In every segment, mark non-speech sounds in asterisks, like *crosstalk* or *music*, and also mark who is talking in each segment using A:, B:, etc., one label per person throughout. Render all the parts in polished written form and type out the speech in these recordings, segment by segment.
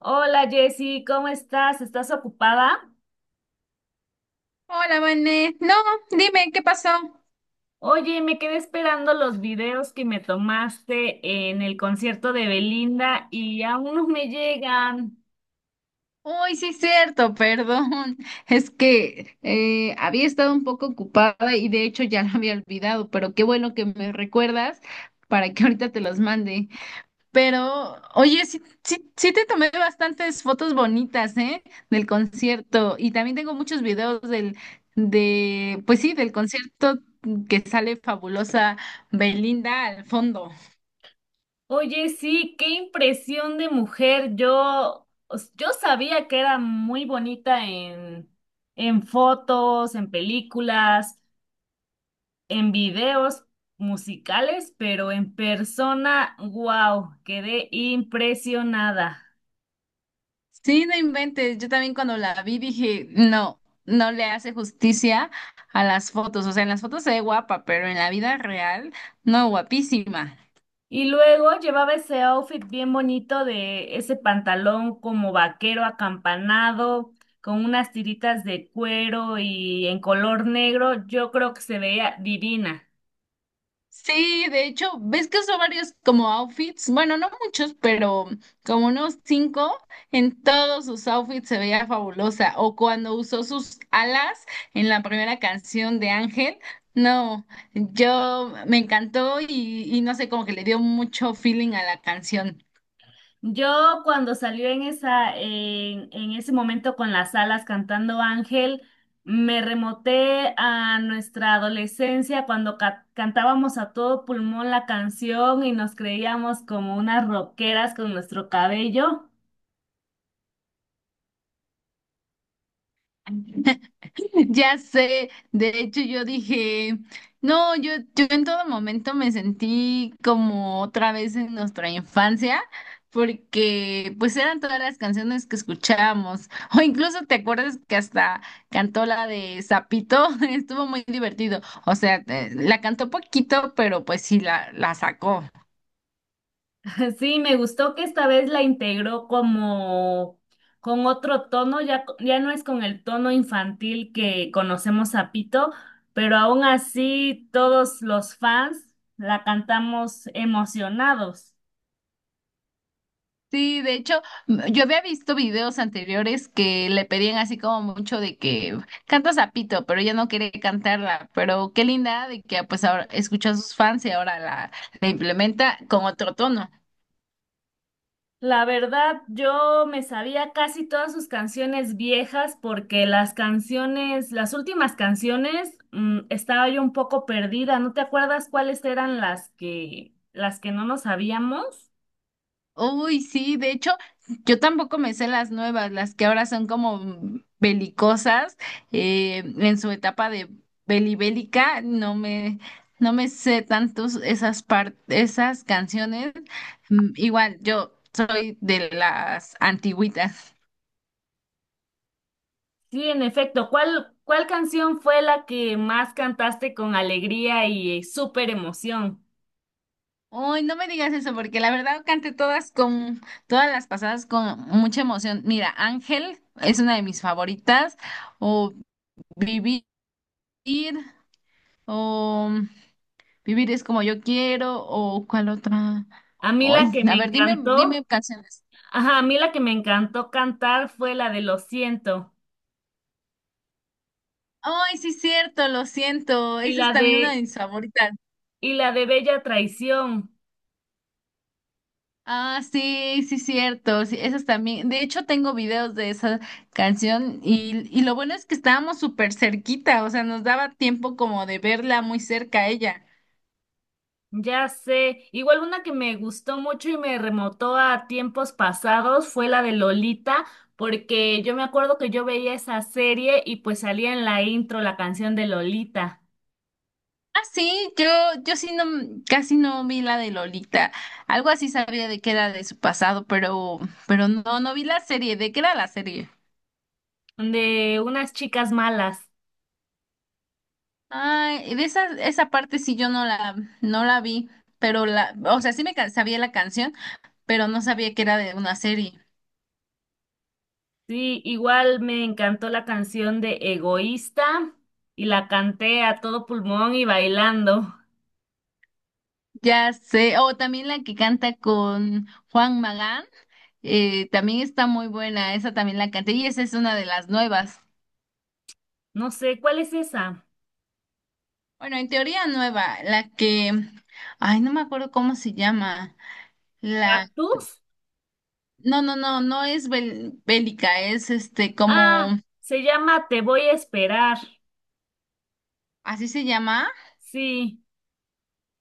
A: Hola, Jessy, ¿cómo estás? ¿Estás ocupada?
B: Hola, Vané. No, dime, ¿qué pasó?
A: Oye, me quedé esperando los videos que me tomaste en el concierto de Belinda y aún no me llegan.
B: Uy, sí, cierto, perdón. Es que había estado un poco ocupada y de hecho ya lo había olvidado, pero qué bueno que me recuerdas para que ahorita te los mande. Pero, oye, sí, sí, sí te tomé bastantes fotos bonitas, ¿eh? Del concierto y también tengo muchos videos pues sí, del concierto que sale fabulosa Belinda al fondo.
A: Oye, sí, qué impresión de mujer. Yo, yo sabía que era muy bonita en fotos, en películas, en videos musicales, pero en persona, wow, quedé impresionada.
B: Sí, no inventes. Yo también cuando la vi dije, no, no le hace justicia a las fotos. O sea, en las fotos se ve guapa, pero en la vida real, no, guapísima.
A: Y luego llevaba ese outfit bien bonito de ese pantalón como vaquero acampanado, con unas tiritas de cuero y en color negro. Yo creo que se veía divina.
B: Sí, de hecho, ves que usó varios como outfits, bueno, no muchos, pero como unos cinco, en todos sus outfits se veía fabulosa. O cuando usó sus alas en la primera canción de Ángel, no, yo me encantó y no sé, como que le dio mucho feeling a la canción.
A: Yo cuando salió en esa, en ese momento con las alas cantando Ángel, me remoté a nuestra adolescencia cuando cantábamos a todo pulmón la canción y nos creíamos como unas rockeras con nuestro cabello.
B: *laughs* *laughs* Ya sé, de hecho yo dije, no, yo en todo momento me sentí como otra vez en nuestra infancia, porque pues eran todas las canciones que escuchábamos, *laughs* o incluso te acuerdas que hasta cantó la de Zapito, *laughs* estuvo muy divertido, o sea, la cantó poquito, pero pues sí la sacó.
A: Sí, me gustó que esta vez la integró como con otro tono, ya, ya no es con el tono infantil que conocemos a Pito, pero aún así todos los fans la cantamos emocionados.
B: Sí, de hecho, yo había visto videos anteriores que le pedían así como mucho de que canta Zapito, pero ella no quiere cantarla. Pero qué linda de que pues ahora escuchó a sus fans y ahora la implementa con otro tono.
A: La verdad, yo me sabía casi todas sus canciones viejas porque las canciones, las últimas canciones, estaba yo un poco perdida. ¿No te acuerdas cuáles eran las que no nos sabíamos?
B: Uy, sí, de hecho, yo tampoco me sé las nuevas, las que ahora son como belicosas, en su etapa de belibélica, no me sé tantos esas canciones. Igual, yo soy de las antigüitas.
A: Sí, en efecto. ¿Cuál, cuál canción fue la que más cantaste con alegría y súper emoción?
B: Uy, no me digas eso, porque la verdad canté todas todas las pasadas con mucha emoción. Mira, Ángel es una de mis favoritas, o Vivir, o Vivir es como yo quiero o cuál otra.
A: A mí
B: Ay,
A: la que
B: a
A: me
B: ver, dime, dime
A: encantó,
B: canciones.
A: ajá, a mí la que me encantó cantar fue la de Lo siento
B: Ay, sí, cierto, lo siento.
A: y
B: Esa es
A: la
B: también una de
A: de
B: mis favoritas.
A: y la de Bella Traición.
B: Ah, sí, sí, cierto. Sí, esas también. De hecho, tengo videos de esa canción y lo bueno es que estábamos súper cerquita, o sea, nos daba tiempo como de verla muy cerca a ella.
A: Ya sé. Igual una que me gustó mucho y me remotó a tiempos pasados fue la de Lolita, porque yo me acuerdo que yo veía esa serie y pues salía en la intro la canción de Lolita,
B: Ah, sí, yo sí no, casi no vi la de Lolita. Algo así sabía de que era de su pasado, pero no, no vi la serie. ¿De qué era la serie?
A: de unas chicas malas.
B: Ay, de esa parte sí yo no la vi, pero o sea, sí me sabía la canción, pero no sabía que era de una serie.
A: Sí, igual me encantó la canción de Egoísta y la canté a todo pulmón y bailando.
B: Ya sé, o también la que canta con Juan Magán, también está muy buena, esa también la canté, y esa es una de las nuevas.
A: No sé, ¿cuál es esa?
B: Bueno, en teoría nueva, la que, ay, no me acuerdo cómo se llama, la,
A: ¿Cactus?
B: no, no, no, no es bélica, es como,
A: Ah, se llama Te voy a esperar.
B: así se llama,
A: Sí,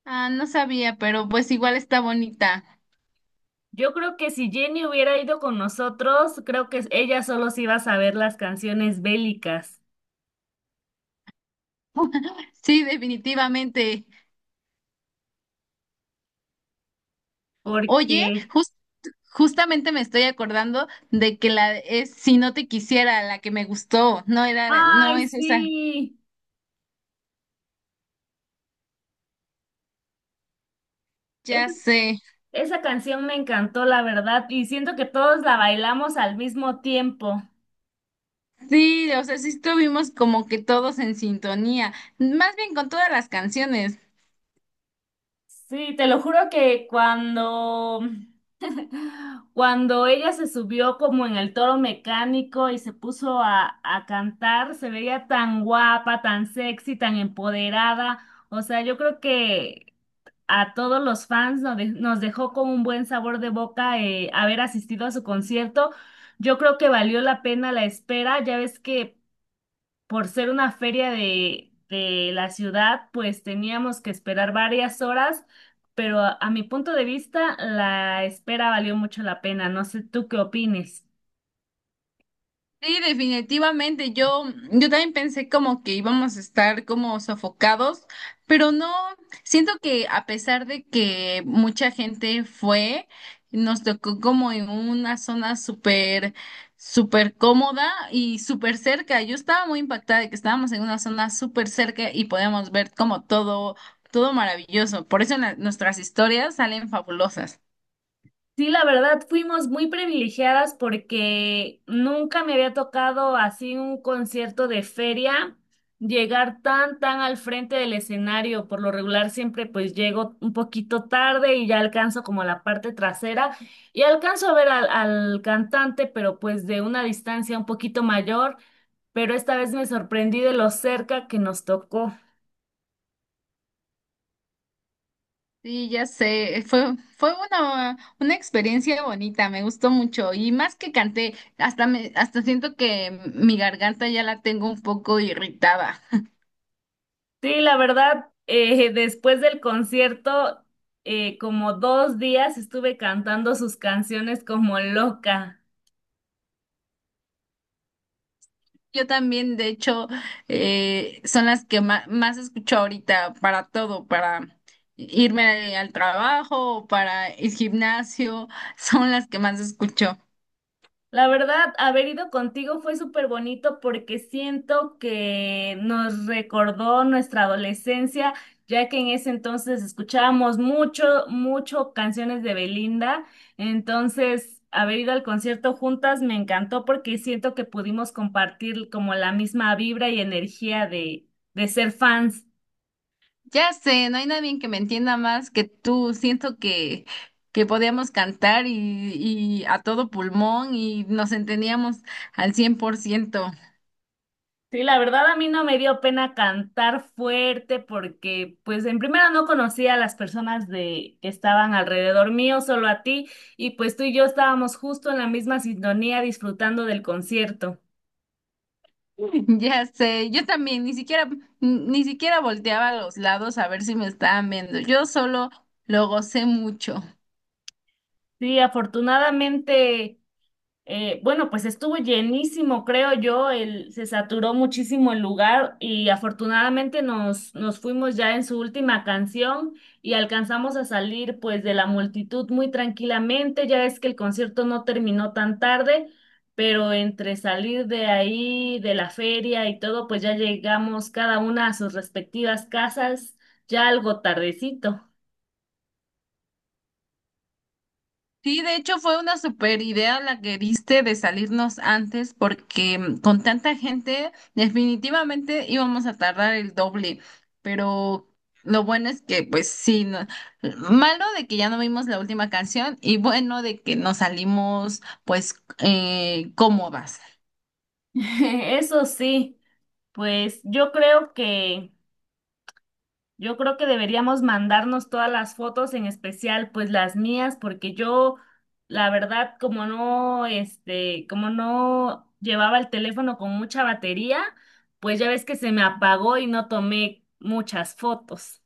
B: ah, no sabía, pero pues igual está bonita.
A: yo creo que si Jenny hubiera ido con nosotros, creo que ella solo se iba a saber las canciones bélicas,
B: *laughs* Sí, definitivamente. Oye,
A: porque,
B: jus- justamente me estoy acordando de que la es Si no te quisiera, la que me gustó,
A: ay,
B: no es esa.
A: sí, es-
B: Ya sé.
A: esa canción me encantó, la verdad, y siento que todos la bailamos al mismo tiempo.
B: Sí, o sea, sí estuvimos como que todos en sintonía, más bien con todas las canciones.
A: Sí, te lo juro que cuando, *laughs* cuando ella se subió como en el toro mecánico y se puso a cantar, se veía tan guapa, tan sexy, tan empoderada. O sea, yo creo que a todos los fans nos, nos dejó con un buen sabor de boca, haber asistido a su concierto. Yo creo que valió la pena la espera. Ya ves que por ser una feria de la ciudad, pues teníamos que esperar varias horas, pero a mi punto de vista, la espera valió mucho la pena. No sé tú qué opines.
B: Sí, definitivamente. Yo también pensé como que íbamos a estar como sofocados, pero no, siento que a pesar de que mucha gente fue, nos tocó como en una zona súper, súper cómoda y súper cerca. Yo estaba muy impactada de que estábamos en una zona súper cerca y podíamos ver como todo, todo maravilloso. Por eso nuestras historias salen fabulosas.
A: Sí, la verdad, fuimos muy privilegiadas porque nunca me había tocado así un concierto de feria, llegar tan, tan al frente del escenario. Por lo regular siempre pues llego un poquito tarde y ya alcanzo como la parte trasera y alcanzo a ver al, al cantante, pero pues de una distancia un poquito mayor, pero esta vez me sorprendí de lo cerca que nos tocó.
B: Sí, ya sé, fue una experiencia bonita, me gustó mucho y más que canté, hasta siento que mi garganta ya la tengo un poco irritada.
A: Sí, la verdad, después del concierto, como dos días estuve cantando sus canciones como loca.
B: Yo también, de hecho, son las que más, escucho ahorita para todo, para irme al trabajo, para el gimnasio, *laughs* son las que más escucho.
A: La verdad, haber ido contigo fue súper bonito porque siento que nos recordó nuestra adolescencia, ya que en ese entonces escuchábamos mucho, mucho canciones de Belinda. Entonces, haber ido al concierto juntas me encantó porque siento que pudimos compartir como la misma vibra y energía de ser fans.
B: Ya sé, no hay nadie que me entienda más que tú. Siento que podíamos cantar y a todo pulmón y nos entendíamos al 100%. *laughs*
A: Sí, la verdad a mí no me dio pena cantar fuerte porque pues en primera no conocía a las personas de que estaban alrededor mío, solo a ti, y pues tú y yo estábamos justo en la misma sintonía disfrutando del concierto.
B: Ya sé, yo también ni siquiera volteaba a los lados a ver si me estaban viendo. Yo solo lo gocé mucho.
A: Sí, afortunadamente, eh, bueno, pues estuvo llenísimo, creo yo, el, se saturó muchísimo el lugar y afortunadamente nos fuimos ya en su última canción y alcanzamos a salir pues de la multitud muy tranquilamente, ya es que el concierto no terminó tan tarde, pero entre salir de ahí, de la feria y todo, pues ya llegamos cada una a sus respectivas casas ya algo tardecito.
B: Sí, de hecho fue una super idea la que diste de salirnos antes porque con tanta gente definitivamente íbamos a tardar el doble, pero lo bueno es que pues sí, malo de que ya no vimos la última canción y bueno de que nos salimos pues cómodas.
A: *laughs* Eso sí, pues yo creo que... Yo creo que deberíamos mandarnos todas las fotos, en especial pues las mías, porque yo, la verdad, como no, este, como no llevaba el teléfono con mucha batería, pues ya ves que se me apagó y no tomé muchas fotos.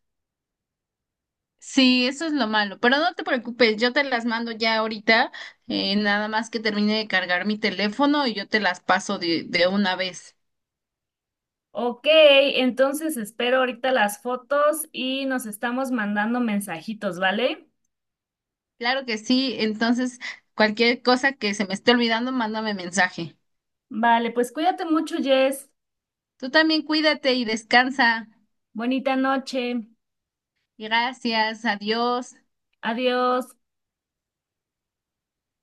B: Sí, eso es lo malo, pero no te preocupes, yo te las mando ya ahorita, nada más que termine de cargar mi teléfono y yo te las paso de una vez.
A: Ok, entonces espero ahorita las fotos y nos estamos mandando mensajitos, ¿vale?
B: Claro que sí, entonces cualquier cosa que se me esté olvidando, mándame mensaje.
A: Vale, pues cuídate mucho, Jess.
B: Tú también cuídate y descansa.
A: Bonita noche.
B: Gracias, adiós.
A: Adiós.